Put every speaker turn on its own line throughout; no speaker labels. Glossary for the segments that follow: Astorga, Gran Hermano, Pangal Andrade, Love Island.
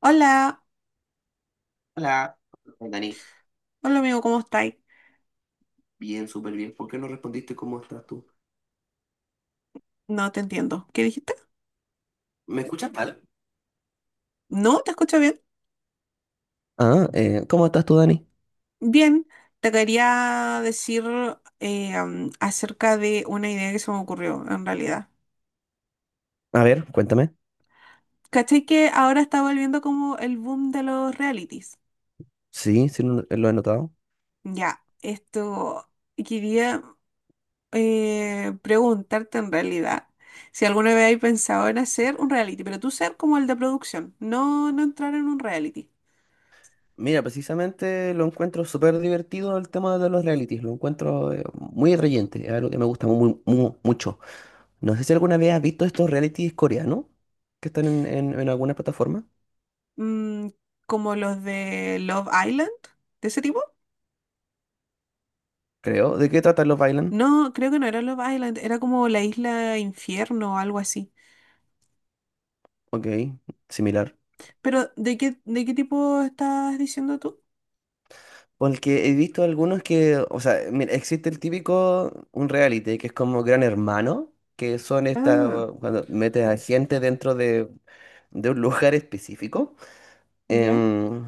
Hola,
Hola, Dani.
hola amigo, ¿cómo estáis?
Bien, súper bien. ¿Por qué no respondiste cómo estás tú?
No te entiendo. ¿Qué dijiste?
¿Me escuchas mal?
No, te escucho bien.
Ah, ¿cómo estás tú, Dani?
Bien, te quería decir acerca de una idea que se me ocurrió en realidad.
A ver, cuéntame.
¿Cachai que ahora está volviendo como el boom de los realities?
Sí, sí lo he notado.
Ya, esto quería preguntarte en realidad si alguna vez hay pensado en hacer un reality, pero tú ser como el de producción, no entrar en un reality.
Mira, precisamente lo encuentro súper divertido el tema de los realities. Lo encuentro muy reyente, es algo que me gusta muy, mucho. No sé si alguna vez has visto estos realities coreanos que están en alguna plataforma,
Mm, como los de Love Island, de ese tipo.
creo. ¿De qué tratan los Island?
No, creo que no era Love Island, era como la isla Infierno o algo así.
Ok, similar.
Pero, ¿de qué tipo estás diciendo tú?
Porque he visto algunos que, o sea, mira, existe el típico, un reality, que es como Gran Hermano, que son estas,
Ah,
cuando metes a gente dentro de un lugar específico.
ya.
Em,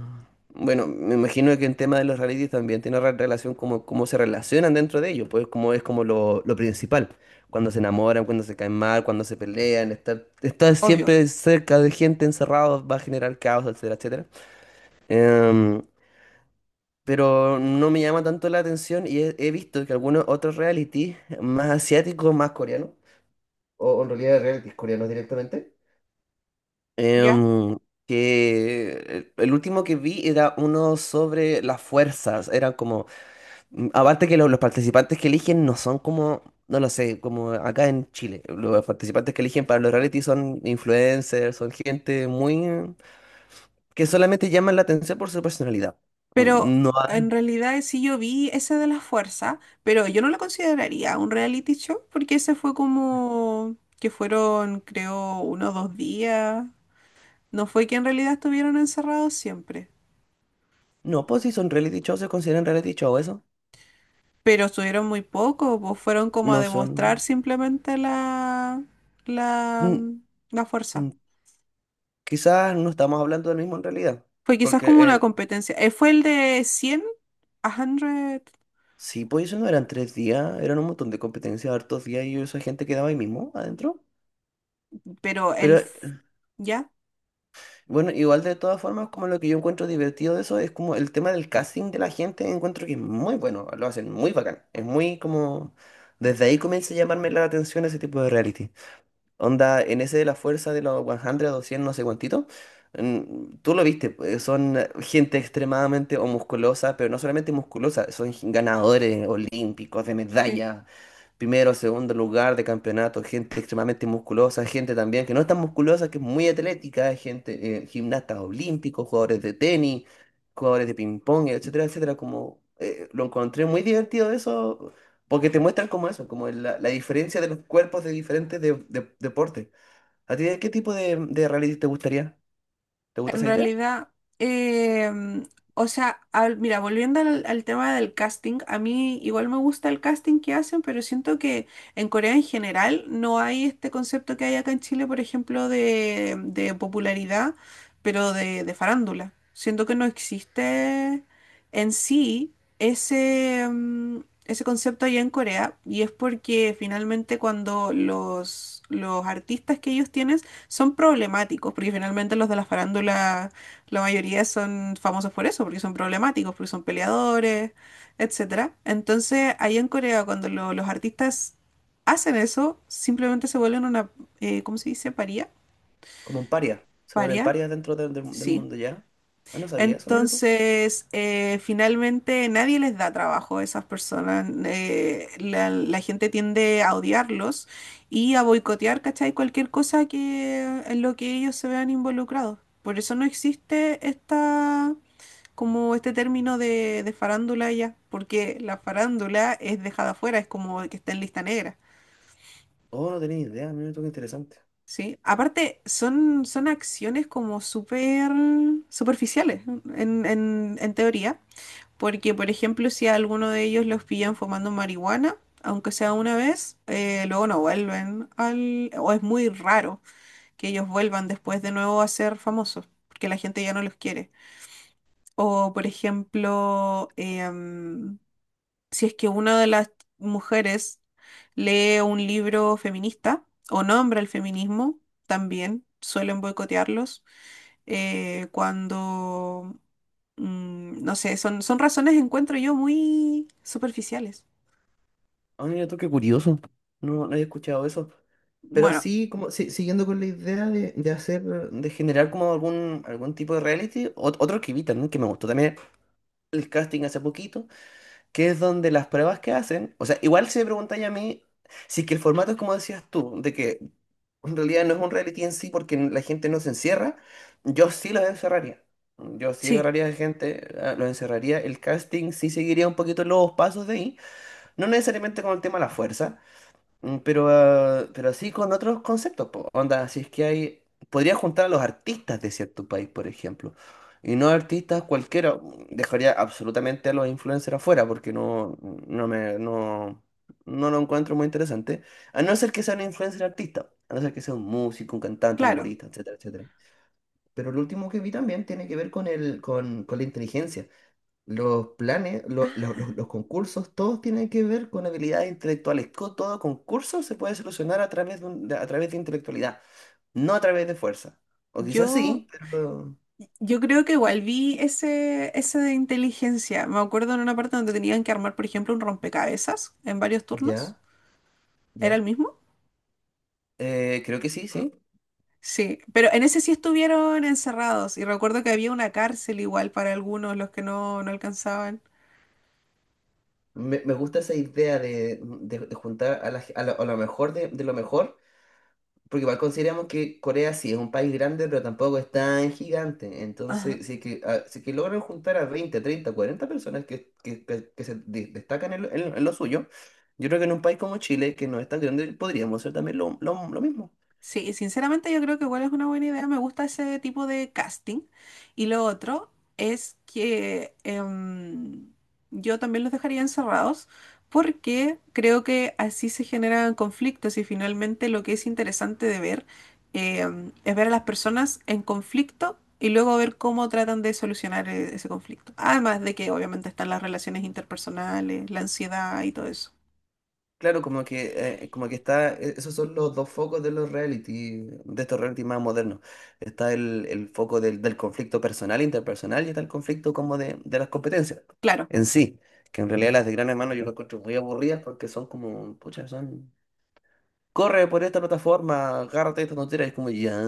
bueno, me imagino que el tema de los realities también tiene relación como cómo se relacionan dentro de ellos, pues como es como lo principal. Cuando se enamoran, cuando se caen mal, cuando se pelean, estar
Obvio,
siempre cerca de gente encerrado va a generar caos, etcétera, etcétera. Em, pero no me llama tanto la atención y he visto que algunos otros reality, más asiáticos, más coreanos, o en realidad realities coreanos directamente,
¿ya?
em, que el último que vi era uno sobre las fuerzas, eran como, aparte que los participantes que eligen no son como, no lo sé, como acá en Chile, los participantes que eligen para los reality son influencers, son gente muy, que solamente llaman la atención por su personalidad.
Pero
No,
en realidad sí yo vi ese de la fuerza, pero yo no lo consideraría un reality show porque ese fue como que fueron, creo, uno o dos días. No fue que en realidad estuvieron encerrados siempre,
no, pues si son reality shows, se consideran reality show eso.
pero estuvieron muy poco, pues fueron como a
No
demostrar
son.
simplemente la,
mm,
la fuerza.
mm, Quizás no estamos hablando del mismo en realidad.
Fue quizás
Porque
como una
el...
competencia. Fue el de 100 a 100,
sí, pues eso no eran 3 días, eran un montón de competencias, hartos días y esa gente quedaba ahí mismo, adentro.
pero el...
Pero
f- ¿Ya?
bueno, igual de todas formas, como lo que yo encuentro divertido de eso es como el tema del casting de la gente, encuentro que es muy bueno, lo hacen muy bacán. Es muy como. Desde ahí comienza a llamarme la atención ese tipo de reality. Onda, en ese de la fuerza de los 100 o 100, no sé cuántito, tú lo viste, pues, son gente extremadamente o musculosa, pero no solamente musculosa, son ganadores olímpicos de
Sí.
medallas primero, segundo lugar de campeonato, gente extremadamente musculosa, gente también que no es tan musculosa, que es muy atlética, gente, gimnastas olímpicos, jugadores de tenis, jugadores de ping-pong, etcétera, etcétera. Como lo encontré muy divertido eso, porque te muestran como eso, como la diferencia de los cuerpos de diferentes deportes. ¿A ti de qué tipo de reality te gustaría? ¿Te gusta
En
esa idea?
realidad, em, o sea, al- mira, volviendo al, al tema del casting, a mí igual me gusta el casting que hacen, pero siento que en Corea en general no hay este concepto que hay acá en Chile, por ejemplo, de popularidad, pero de farándula. Siento que no existe en sí ese, ese concepto allá en Corea, y es porque finalmente cuando los artistas que ellos tienen son problemáticos, porque finalmente los de la farándula, la mayoría son famosos por eso, porque son problemáticos, porque son peleadores, etcétera. Entonces, allá en Corea, cuando los artistas hacen eso, simplemente se vuelven una, ¿cómo se dice? Paría.
Como un paria. Se vuelven
Paria,
parias dentro del
sí.
mundo ya. Ah, no sabía eso, mira tú.
Entonces, finalmente nadie les da trabajo a esas personas. La gente tiende a odiarlos y a boicotear, ¿cachai? Cualquier cosa que, en lo que ellos se vean involucrados. Por eso no existe esta, como este término de farándula ya, porque la farándula es dejada afuera, es como que está en lista negra,
Oh, no tenía ni idea, mira tú, qué interesante.
¿sí? Aparte, son acciones como súper superficiales en, en teoría. Porque, por ejemplo, si a alguno de ellos los pillan fumando marihuana, aunque sea una vez, luego no vuelven al... o es muy raro que ellos vuelvan después de nuevo a ser famosos, porque la gente ya no los quiere. O, por ejemplo, si es que una de las mujeres lee un libro feminista o nombra el feminismo, también suelen boicotearlos eh, cuando, no sé, son razones, encuentro yo, muy superficiales.
Ah, mira tú, qué curioso. No, no había escuchado eso. Pero
Bueno,
sí, como siguiendo con la idea de hacer, de generar como algún tipo de reality, otro que vi también que me gustó también el casting hace poquito, que es donde las pruebas que hacen, o sea, igual si me preguntáis a mí, si es que el formato es como decías tú, de que en realidad no es un reality en sí porque la gente no se encierra, yo sí los encerraría. Yo sí
sí,
agarraría a gente, los encerraría, el casting sí seguiría un poquito los pasos de ahí, no necesariamente con el tema de la fuerza. Pero así con otros conceptos, po. Onda, si es que hay, podría juntar a los artistas de cierto país, por ejemplo, y no artistas cualquiera, dejaría absolutamente a los influencers afuera porque no, no me, no, no lo encuentro muy interesante, a no ser que sea un influencer artista, a no ser que sea un músico, un cantante, un
claro.
humorista, etcétera, etcétera. Pero lo último que vi también tiene que ver con con la inteligencia. Los planes,
Ah,
los concursos, todos tienen que ver con habilidades intelectuales. Todo concurso se puede solucionar a través de, a través de intelectualidad, no a través de fuerza. O
Yo,
quizás sí, pero...
yo creo que igual vi ese, ese de inteligencia. Me acuerdo en una parte donde tenían que armar, por ejemplo, un rompecabezas en varios turnos.
Ya,
¿Era el
ya.
mismo?
Creo que sí, sí.
Sí, pero en ese sí estuvieron encerrados y recuerdo que había una cárcel igual para algunos, los que no alcanzaban.
Me gusta esa idea de juntar a lo mejor de lo mejor. Porque igual consideramos que Corea sí es un país grande, pero tampoco es tan gigante. Entonces, si es que logran juntar a 20 30 40 personas que se destacan en lo suyo, yo creo que en un país como Chile, que no es tan grande, podríamos hacer también lo mismo.
Sí, sinceramente yo creo que igual es una buena idea, me gusta ese tipo de casting. Y lo otro es que yo también los dejaría encerrados porque creo que así se generan conflictos y finalmente lo que es interesante de ver es ver a las personas en conflicto y luego ver cómo tratan de solucionar ese conflicto. Además de que obviamente están las relaciones interpersonales, la ansiedad y todo eso.
Claro, como que está, esos son los dos focos de los reality, de estos reality más modernos. Está el foco del conflicto personal, interpersonal, y está el conflicto como de las competencias
Claro.
en sí. Que en realidad las de Gran Hermano yo las encuentro muy aburridas porque son como, pucha, son, corre por esta plataforma, agárrate esta tontera, y es como, ya,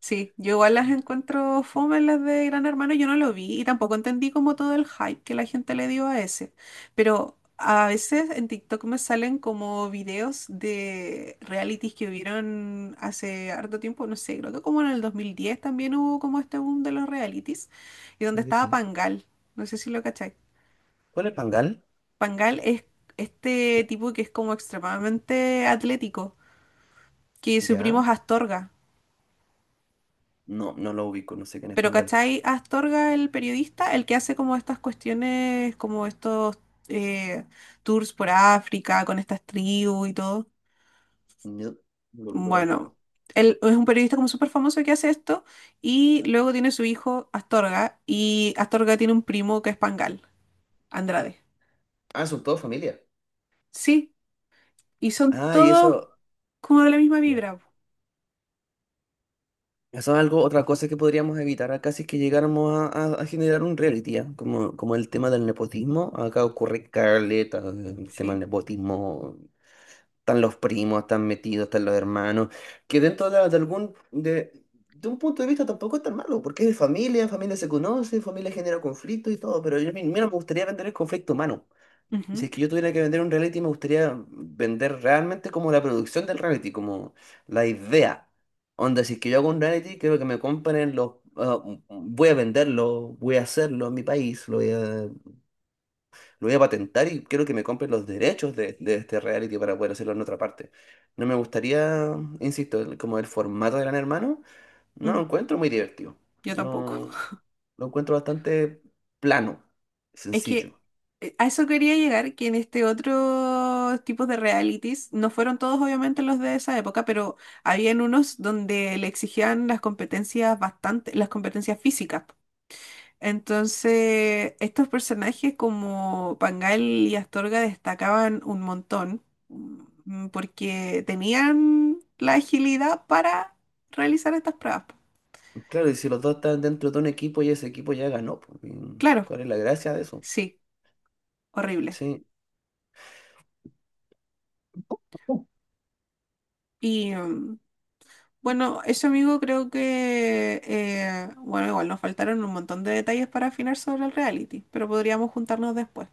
Sí, yo igual las encuentro fome las de Gran Hermano, yo no lo vi y tampoco entendí como todo el hype que la gente le dio a ese. Pero a veces en TikTok me salen como videos de realities que hubieron hace harto tiempo, no sé, creo que como en el 2010 también hubo como este boom de los realities y donde
creo que
estaba
sí.
Pangal, no sé si lo cacháis.
¿Cuál es Pangal?
Pangal es este tipo que es como extremadamente atlético, que su primo
Ya,
es Astorga.
no, no lo ubico, no sé quién es
Pero
Pangal.
¿cachai? Astorga, el periodista, el que hace como estas cuestiones, como estos eh, tours por África con estas tribus y todo.
No, no lo ubico
Bueno,
tampoco.
él es un periodista como súper famoso que hace esto y luego tiene su hijo Astorga y Astorga tiene un primo que es Pangal, Andrade.
Ah, son todos familia.
Sí, y son
Ah, y
todos
eso.
como de la misma vibra. Po.
Eso es algo, otra cosa que podríamos evitar acá si es que llegáramos a generar un reality, ¿ah? Como el tema del nepotismo, acá ocurre caleta, el tema del
Sí.
nepotismo, están los primos, están metidos, están los hermanos, que dentro de un punto de vista tampoco es tan malo, porque es de familia, familia se conoce, familia genera conflicto y todo, pero yo, mira, me gustaría vender el conflicto humano.
Ujú,
Si es que yo tuviera que vender un reality, me gustaría vender realmente como la producción del reality, como la idea. Onda, si es que yo hago un reality, quiero que me compren voy a venderlo, voy a hacerlo en mi país, lo voy a patentar y quiero que me compren los derechos de este reality para poder hacerlo en otra parte. No me gustaría, insisto, como el formato de Gran Hermano, no
mm,
lo encuentro muy divertido.
yo tampoco.
No, lo encuentro bastante plano,
Es que
sencillo.
a eso quería llegar, que en este otro tipo de realities, no fueron todos obviamente los de esa época, pero habían unos donde le exigían las competencias bastante, las competencias físicas. Entonces, estos personajes como Pangal y Astorga destacaban un montón, porque tenían la agilidad para realizar estas pruebas.
Claro, y si los dos están dentro de un equipo y ese equipo ya ganó, pues, y
Claro,
¿cuál es la gracia de eso?
sí, horrible.
Sí,
y mm, Bueno, eso amigo creo que, bueno, igual nos faltaron un montón de detalles para afinar sobre el reality, pero podríamos juntarnos después.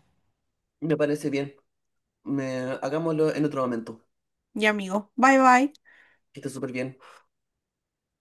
me parece bien. Me, Hagámoslo en otro momento.
Ya amigo, bye bye.
Que esté súper bien.